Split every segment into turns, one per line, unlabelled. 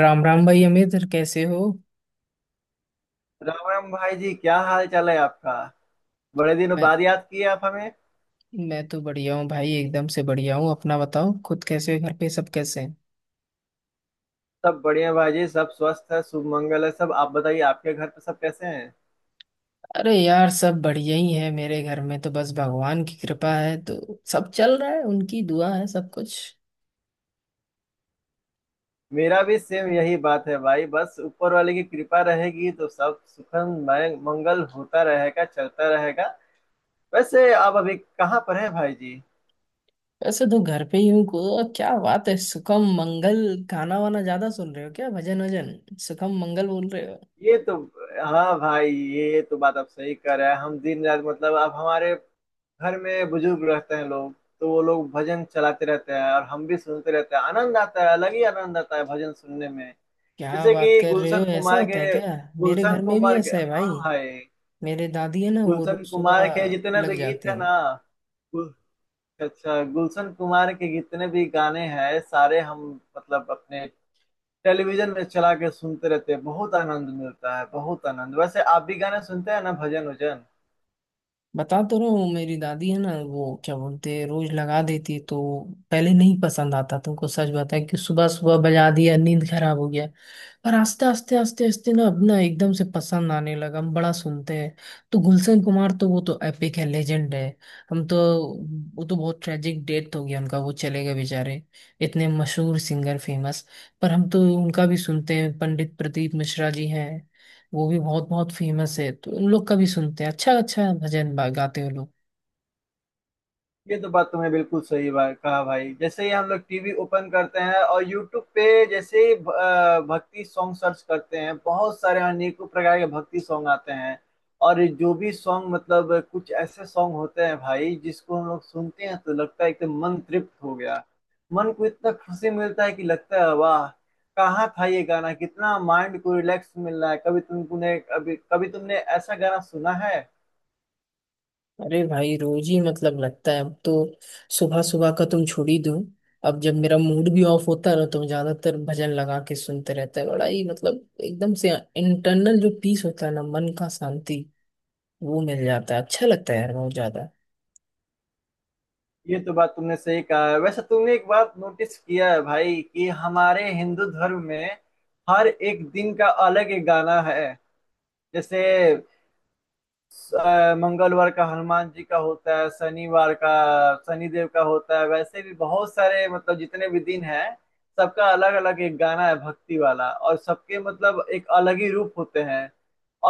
राम राम भाई अमित कैसे हो।
राम भाई जी, क्या हाल चाल है आपका? बड़े दिनों
मैं
बाद याद किए आप हमें।
मैं तो बढ़िया हूँ भाई, एकदम से बढ़िया हूँ। अपना बताओ, खुद कैसे हो? घर पे सब कैसे हैं?
सब बढ़िया भाई जी, सब स्वस्थ है, शुभ मंगल है सब। आप बताइए, आपके घर पे सब कैसे हैं?
अरे यार, सब बढ़िया ही है। मेरे घर में तो बस भगवान की कृपा है, तो सब चल रहा है, उनकी दुआ है सब कुछ।
मेरा भी सेम यही बात है भाई, बस ऊपर वाले की कृपा रहेगी तो सब सुखम मंगल होता रहेगा, चलता रहेगा। वैसे आप अभी कहाँ पर हैं भाई जी?
वैसे तो घर पे ही हूँ को, और क्या बात है सुखम मंगल। गाना वाना ज्यादा सुन रहे हो क्या? भजन वजन सुखम मंगल बोल रहे हो।
ये तो हाँ भाई, ये तो बात आप सही कर रहे हैं। हम दिन रात, मतलब आप, हमारे घर में बुजुर्ग रहते हैं लोग, तो वो लोग भजन चलाते रहते हैं, और हम भी सुनते रहते हैं। आनंद आता है, अलग ही आनंद आता है भजन सुनने में।
क्या
जैसे
बात
कि
कर रहे हो,
गुलशन
ऐसा
कुमार
होता है
के,
क्या? मेरे घर में भी ऐसा है भाई।
हाँ भाई,
मेरे दादी है ना, वो
गुलशन
रोज
कुमार के
सुबह
जितने
लग
भी
जाते
गीत है
हैं।
ना, गुल- अच्छा, गुलशन कुमार के जितने भी गाने हैं सारे, हम मतलब अपने टेलीविजन में चला के सुनते रहते हैं। बहुत आनंद मिलता है, बहुत आनंद। वैसे आप भी गाने सुनते हैं ना, भजन वजन?
बता तो रहा हूँ, मेरी दादी है ना, वो क्या बोलते हैं रोज लगा देती। तो पहले नहीं पसंद आता तुमको, सच बताया कि सुबह सुबह बजा दिया, नींद खराब हो गया। और आस्ते आस्ते आस्ते आस्ते ना अपना एकदम से पसंद आने लगा, हम बड़ा सुनते हैं। तो गुलशन कुमार तो वो तो एपिक है, लेजेंड है। हम तो, वो तो बहुत ट्रेजिक डेथ हो गया उनका, वो चले गए बेचारे, इतने मशहूर सिंगर, फेमस। पर हम तो उनका भी सुनते हैं। पंडित प्रदीप मिश्रा जी हैं, वो भी बहुत बहुत फेमस है, तो उन लोग का भी सुनते हैं, अच्छा अच्छा भजन गाते हैं लोग।
ये तो बात तुमने बिल्कुल सही बात कहा भाई। जैसे ही हम लोग टीवी ओपन करते हैं, और यूट्यूब पे जैसे ही भक्ति सॉन्ग सर्च करते हैं, बहुत सारे अनेकों प्रकार के भक्ति सॉन्ग आते हैं। और जो भी सॉन्ग, मतलब कुछ ऐसे सॉन्ग होते हैं भाई, जिसको हम लोग सुनते हैं तो लगता है एकदम मन तृप्त हो गया। मन को इतना खुशी मिलता है कि लगता है वाह, कहाँ था ये गाना, कितना माइंड को रिलैक्स मिल रहा है। कभी कभी तुमने ऐसा गाना सुना है?
अरे भाई रोज ही मतलब लगता है अब तो, सुबह सुबह का तुम छोड़ ही दो। अब जब मेरा मूड भी ऑफ होता है ना, तो मैं ज्यादातर भजन लगा के सुनते रहता है। बड़ा ही मतलब एकदम से इंटरनल जो पीस होता है ना, मन का शांति, वो मिल जाता है। अच्छा लगता है यार बहुत ज्यादा।
ये तो बात तुमने सही कहा है। वैसे तुमने एक बात नोटिस किया है भाई, कि हमारे हिंदू धर्म में हर एक दिन का अलग एक गाना है। जैसे मंगलवार का हनुमान जी का होता है, शनिवार का शनिदेव का होता है। वैसे भी बहुत सारे, मतलब जितने भी दिन हैं सबका अलग अलग एक गाना है भक्ति वाला, और सबके मतलब एक अलग ही रूप होते हैं।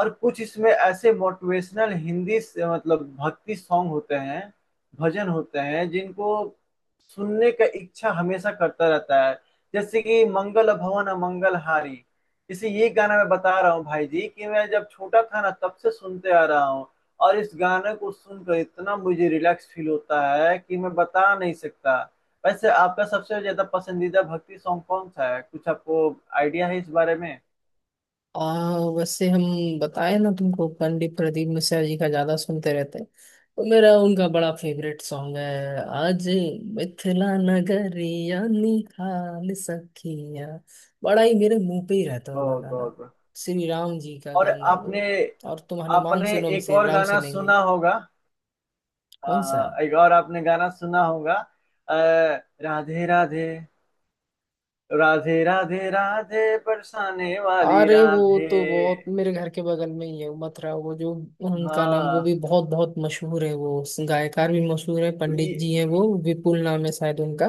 और कुछ इसमें ऐसे मोटिवेशनल हिंदी से मतलब भक्ति सॉन्ग होते हैं, भजन होते हैं, जिनको सुनने का इच्छा हमेशा करता रहता है। जैसे कि मंगल भवन मंगलहारी, इसी, ये गाना मैं बता रहा हूँ भाई जी, कि मैं जब छोटा था ना तब से सुनते आ रहा हूँ। और इस गाने को सुनकर इतना मुझे रिलैक्स फील होता है कि मैं बता नहीं सकता। वैसे आपका सबसे ज्यादा पसंदीदा भक्ति सॉन्ग कौन सा है, कुछ आपको आइडिया है इस बारे में?
वैसे हम बताए ना तुमको, पंडित प्रदीप मिश्रा जी का ज्यादा सुनते रहते हैं। तो मेरा उनका बड़ा फेवरेट सॉन्ग है आज, मिथिला नगरिया निहाल सखिया। बड़ा ही मेरे मुंह पे ही रहता है वाला
बहुत
गाना।
बहुत बहुत।
श्री राम जी का
और
गाना है
आपने
वो। और तुम हनुमान
आपने
सुनो, हम
एक
श्री
और
राम
गाना
सुनेंगे।
सुना होगा।
कौन सा?
एक और आपने गाना सुना होगा। अ, राधे राधे, राधे राधे राधे बरसाने वाली
अरे वो
राधे।
तो बहुत मेरे घर के बगल में ही है, उमथरा वो जो, उनका नाम, वो
हाँ।
भी बहुत बहुत मशहूर है वो। गायकार भी मशहूर है,
ये,
पंडित जी हैं वो, विपुल नाम है शायद उनका।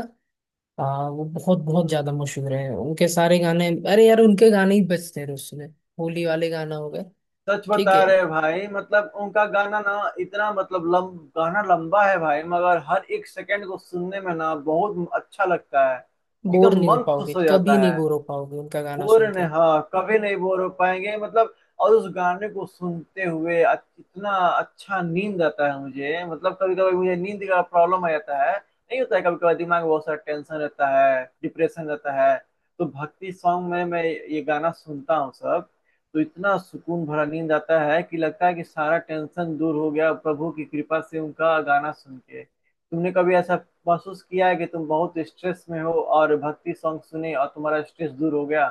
हाँ वो बहुत बहुत ज्यादा
हम्म,
मशहूर है, उनके सारे गाने, अरे यार उनके गाने ही बजते रहे उसमें। होली वाले गाना हो गए।
सच
ठीक
बता
है।
रहे हैं भाई, मतलब उनका गाना ना, इतना, मतलब गाना लंबा है भाई, मगर हर एक सेकंड को सुनने में ना बहुत अच्छा लगता है।
बोर
एकदम
नहीं हो
मन
पाओगे,
खुश हो जाता
कभी नहीं
है।
बोर हो पाओगे उनका गाना
बोर
सुन
नहीं,
के।
हाँ, कभी नहीं बोर हो पाएंगे, मतलब। और उस गाने को सुनते हुए इतना अच्छा नींद आता है मुझे। मतलब कभी कभी मुझे नींद का प्रॉब्लम आ जाता है, नहीं होता है। कभी कभी दिमाग में बहुत सारा टेंशन रहता है, डिप्रेशन रहता है। तो भक्ति सॉन्ग में मैं ये गाना सुनता हूँ सब। तो इतना सुकून भरा नींद आता है कि लगता है कि सारा टेंशन दूर हो गया प्रभु की कृपा से, उनका गाना सुन के। तुमने कभी ऐसा महसूस किया है कि तुम बहुत स्ट्रेस में हो और भक्ति सॉन्ग सुने और तुम्हारा स्ट्रेस दूर हो गया?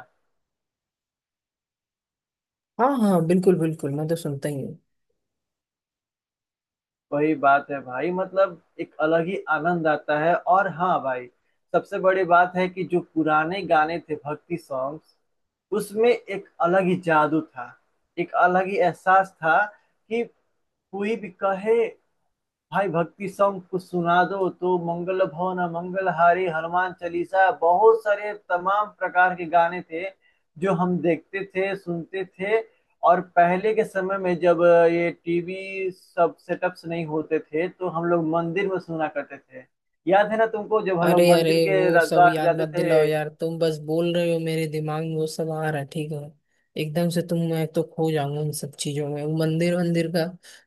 हाँ हाँ, बिल्कुल बिल्कुल, मैं तो सुनता ही हूँ।
वही बात है भाई, मतलब एक अलग ही आनंद आता है। और हाँ भाई, सबसे बड़ी बात है कि जो पुराने गाने थे भक्ति सॉन्ग्स, उसमें एक अलग ही जादू था, एक अलग ही एहसास था, कि कोई भी कहे भाई भक्ति सॉन्ग कुछ सुना दो, तो मंगल भवन मंगलहारी, हनुमान चालीसा, बहुत सारे तमाम प्रकार के गाने थे, जो हम देखते थे, सुनते थे। और पहले के समय में जब ये टीवी, सब सेटअप्स नहीं होते थे, तो हम लोग मंदिर में सुना करते थे। याद है ना तुमको, जब हम लोग
अरे अरे
मंदिर के
वो सब
द्वार
याद
जाते
मत
थे?
दिलाओ यार तुम, बस बोल रहे हो मेरे दिमाग में वो सब आ रहा है। ठीक है एकदम से तुम, मैं तो खो जाऊंगा उन सब चीजों में। वो मंदिर वंदिर का,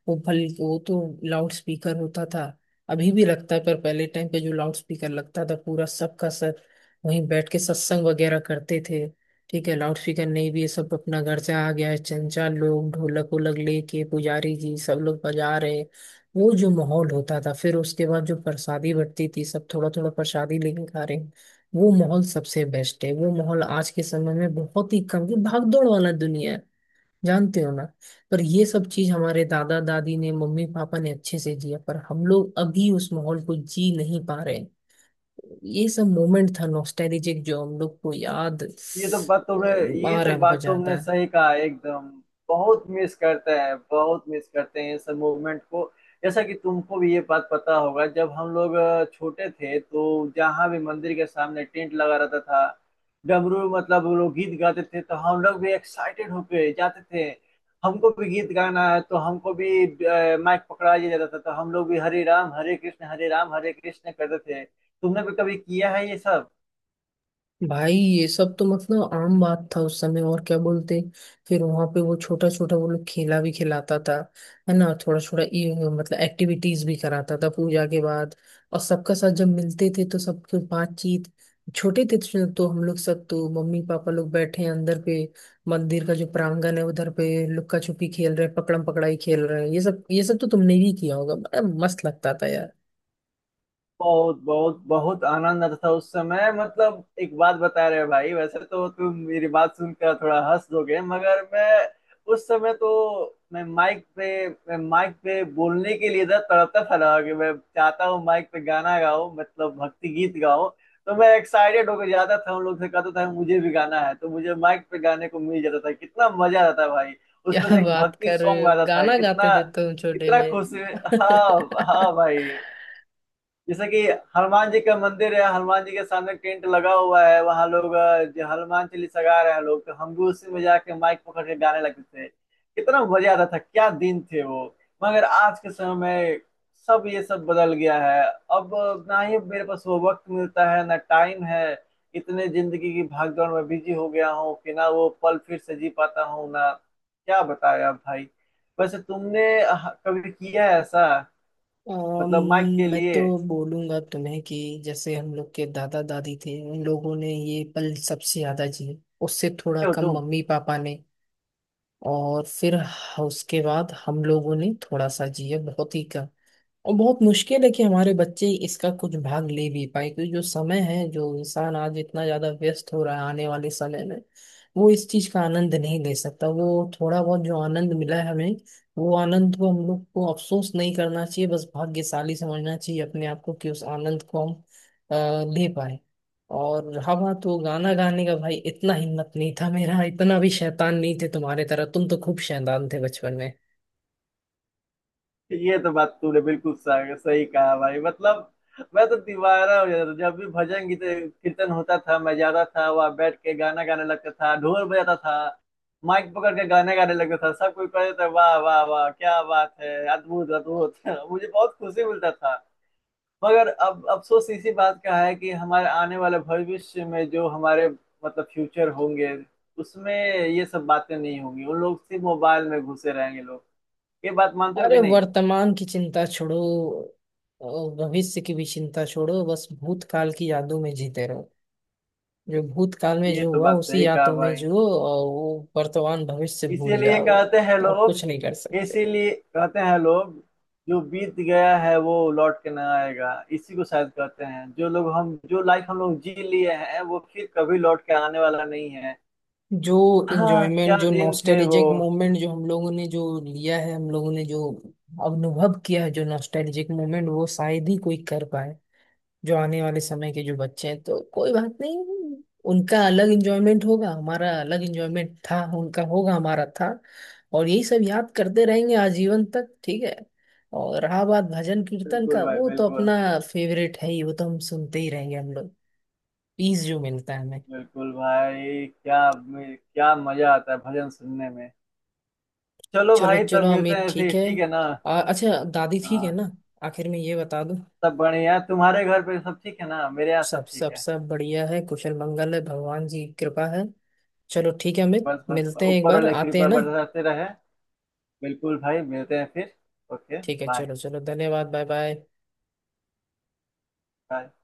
वो भल वो तो लाउड स्पीकर होता था। अभी भी लगता है, पर पहले टाइम पे जो लाउड स्पीकर लगता था पूरा सबका सर, वहीं बैठ के सत्संग वगैरह करते थे। ठीक है, लाउड स्पीकर नहीं भी, ये सब अपना घर से आ गया है, चंचा लोग ढोलक वोलक लेके पुजारी जी सब लोग बजा रहे हैं। वो जो माहौल होता था, फिर उसके बाद जो प्रसादी बंटती थी, सब थोड़ा थोड़ा प्रसादी लेके खा रहे हैं, वो माहौल सबसे बेस्ट है। वो माहौल आज के समय में बहुत ही कम की भागदौड़ वाला दुनिया है, जानते हो ना। पर ये सब चीज हमारे दादा दादी ने, मम्मी पापा ने अच्छे से जिया, पर हम लोग अभी उस माहौल को जी नहीं पा रहे हैं। ये सब मोमेंट था नॉस्टैल्जिक, जो हम लोग को याद
ये तो बात तुमने ये
आ
तो
रहा है बहुत
बात तुमने
ज्यादा।
सही कहा एकदम। बहुत मिस करते हैं, बहुत मिस करते हैं इस मूवमेंट को। जैसा कि तुमको भी ये बात पता होगा, जब हम लोग छोटे थे, तो जहाँ भी मंदिर के सामने टेंट लगा रहता था, डमरू, मतलब वो लोग गीत गाते थे, तो हम लोग भी एक्साइटेड होके जाते थे। हमको भी गीत गाना है, तो हमको भी माइक पकड़ा दिया जाता था, तो हम लोग भी हरे राम हरे कृष्ण, हरे राम हरे कृष्ण करते थे। तुमने भी कभी किया है ये सब?
भाई ये सब तो मतलब आम बात था उस समय, और क्या बोलते। फिर वहां पे वो छोटा छोटा वो लोग खेला भी खिलाता था है ना, थोड़ा थोड़ा ये मतलब एक्टिविटीज भी कराता था पूजा के बाद। और सबका साथ जब मिलते थे तो सबके बातचीत। छोटे थे तो हम लोग सब, तो मम्मी पापा लोग बैठे हैं अंदर पे, मंदिर का जो प्रांगण है उधर पे लुक्का छुपी खेल रहे हैं, पकड़म पकड़ाई खेल रहे हैं, ये सब तो तुमने भी किया होगा, बड़ा मस्त लगता था यार।
बहुत बहुत बहुत आनंद आता था उस समय। मतलब एक बात बता रहे भाई, वैसे तो तुम मेरी बात सुनकर थोड़ा हंस दोगे, मगर मैं, उस समय तो मैं माइक पे बोलने के लिए इधर तड़पता था ना, कि मैं चाहता हूँ माइक पे गाना गाओ, मतलब भक्ति गीत गाओ। तो मैं एक्साइटेड होकर जाता था, उन लोग से कहता था मुझे भी गाना है, तो मुझे माइक पे गाने को मिल जाता था। कितना मजा आता था भाई! उसमें
क्या
से एक
बात
भक्ति
कर रहे
सॉन्ग
हो,
आता था,
गाना गाते
कितना,
थे तुम छोटे
कितना खुश।
में?
हाँ। हाँ भाई। जैसे कि हनुमान जी का मंदिर है, हनुमान जी के सामने टेंट लगा हुआ है, वहां लोग जो हनुमान चालीसा गा रहे हैं लोग, तो हम भी उसी में जाके माइक पकड़ के गाने लगते थे। कितना मजा आता था, क्या दिन थे वो! मगर आज के समय में सब, ये सब बदल गया है। अब, ना ही मेरे पास वो वक्त मिलता है, ना टाइम है। इतने जिंदगी की भागदौड़ में बिजी हो गया हूँ कि ना वो पल फिर से जी पाता हूँ ना, क्या बताएं आप भाई। वैसे तुमने कभी किया है ऐसा, मतलब माइक के
मैं तो
लिए,
बोलूंगा तुम्हें कि जैसे हम लोग के दादा दादी थे, उन लोगों ने ये पल सबसे ज्यादा जिए, उससे थोड़ा
हो
कम
तुम?
मम्मी पापा ने, और फिर उसके बाद हम लोगों ने थोड़ा सा जिया, बहुत ही कम। और बहुत मुश्किल है कि हमारे बच्चे इसका कुछ भाग ले भी पाए, क्योंकि जो समय है, जो इंसान आज इतना ज्यादा व्यस्त हो रहा है, आने वाले समय में वो इस चीज का आनंद नहीं ले सकता। वो थोड़ा बहुत जो आनंद मिला है हमें, वो आनंद को हम लोग को अफसोस नहीं करना चाहिए, बस भाग्यशाली समझना चाहिए अपने आप को कि उस आनंद को हम अ, ले पाए। और हवा तो गाना गाने का भाई इतना हिम्मत नहीं था मेरा, इतना भी शैतान नहीं थे, तुम्हारे तरह। तुम तो खूब शैतान थे बचपन।
ये तो बात तूने बिल्कुल सही सही कहा भाई, मतलब मैं तो दीवाना हो जाता था, जब भी भजन गीत कीर्तन होता था, मैं जाता था, वहां बैठ के गाना गाने लगता था, ढोल बजाता था, माइक पकड़ के गाने गाने लगता था। सब कोई कहता था वाह वाह वाह, क्या बात है, अद्भुत अद्भुत मुझे बहुत खुशी मिलता था। मगर अब अफसोस इसी बात का है कि हमारे आने वाले भविष्य में, जो हमारे मतलब फ्यूचर होंगे, उसमें ये सब बातें नहीं होंगी, उन लोग सिर्फ मोबाइल में घुसे रहेंगे लोग। ये बात मानते हो कि
अरे
नहीं?
वर्तमान की चिंता छोड़ो, और भविष्य की भी चिंता छोड़ो, बस भूतकाल की यादों में जीते रहो। जो भूतकाल में
ये
जो
तो
हुआ
बात
उसी
सही कहा
यादों में
भाई।
जो, और वो वर्तमान भविष्य भूल
इसीलिए
जाओ,
कहते हैं
और
लोग
कुछ नहीं कर सकते।
इसीलिए कहते हैं लोग, जो बीत गया है वो लौट के ना आएगा, इसी को शायद कहते हैं। जो लोग हम, जो लाइफ हम लोग जी लिए हैं, वो फिर कभी लौट के आने वाला नहीं है।
जो
हाँ, क्या
इंजॉयमेंट, जो
दिन थे वो।
नॉस्टैल्जिक मोमेंट जो हम लोगों ने जो लिया है, हम लोगों ने जो अनुभव किया है, जो नॉस्टैल्जिक मोमेंट, वो शायद ही कोई कर पाए। जो आने वाले समय के जो बच्चे हैं, तो कोई बात नहीं, उनका अलग इंजॉयमेंट होगा, हमारा अलग इंजॉयमेंट था, उनका होगा, हमारा था। और यही सब याद करते रहेंगे आजीवन तक, ठीक है। और रहा बात भजन कीर्तन
बिल्कुल
का,
भाई,
वो तो
बिल्कुल।
अपना फेवरेट है ही, वो तो हम सुनते ही रहेंगे हम लोग। पीस जो मिलता है हमें।
बिल्कुल भाई, क्या, क्या मजा आता है भजन सुनने में! चलो
चलो
भाई, तब
चलो
मिलते
अमित
हैं फिर,
ठीक है।
ठीक है ना?
अच्छा दादी ठीक है
हाँ।
ना, आखिर में ये बता दूं।
सब बढ़िया, तुम्हारे घर पे सब ठीक है ना? मेरे यहाँ
सब
सब ठीक
सब
है।
सब बढ़िया है, कुशल मंगल है, भगवान जी की कृपा है। चलो ठीक है अमित,
बस बस,
मिलते हैं एक
ऊपर
बार,
वाले की
आते हैं
कृपा
ना।
बरसाते रहे। बिल्कुल भाई, मिलते हैं फिर। ओके
ठीक है
बाय।
चलो चलो, धन्यवाद, बाय बाय।
बाय।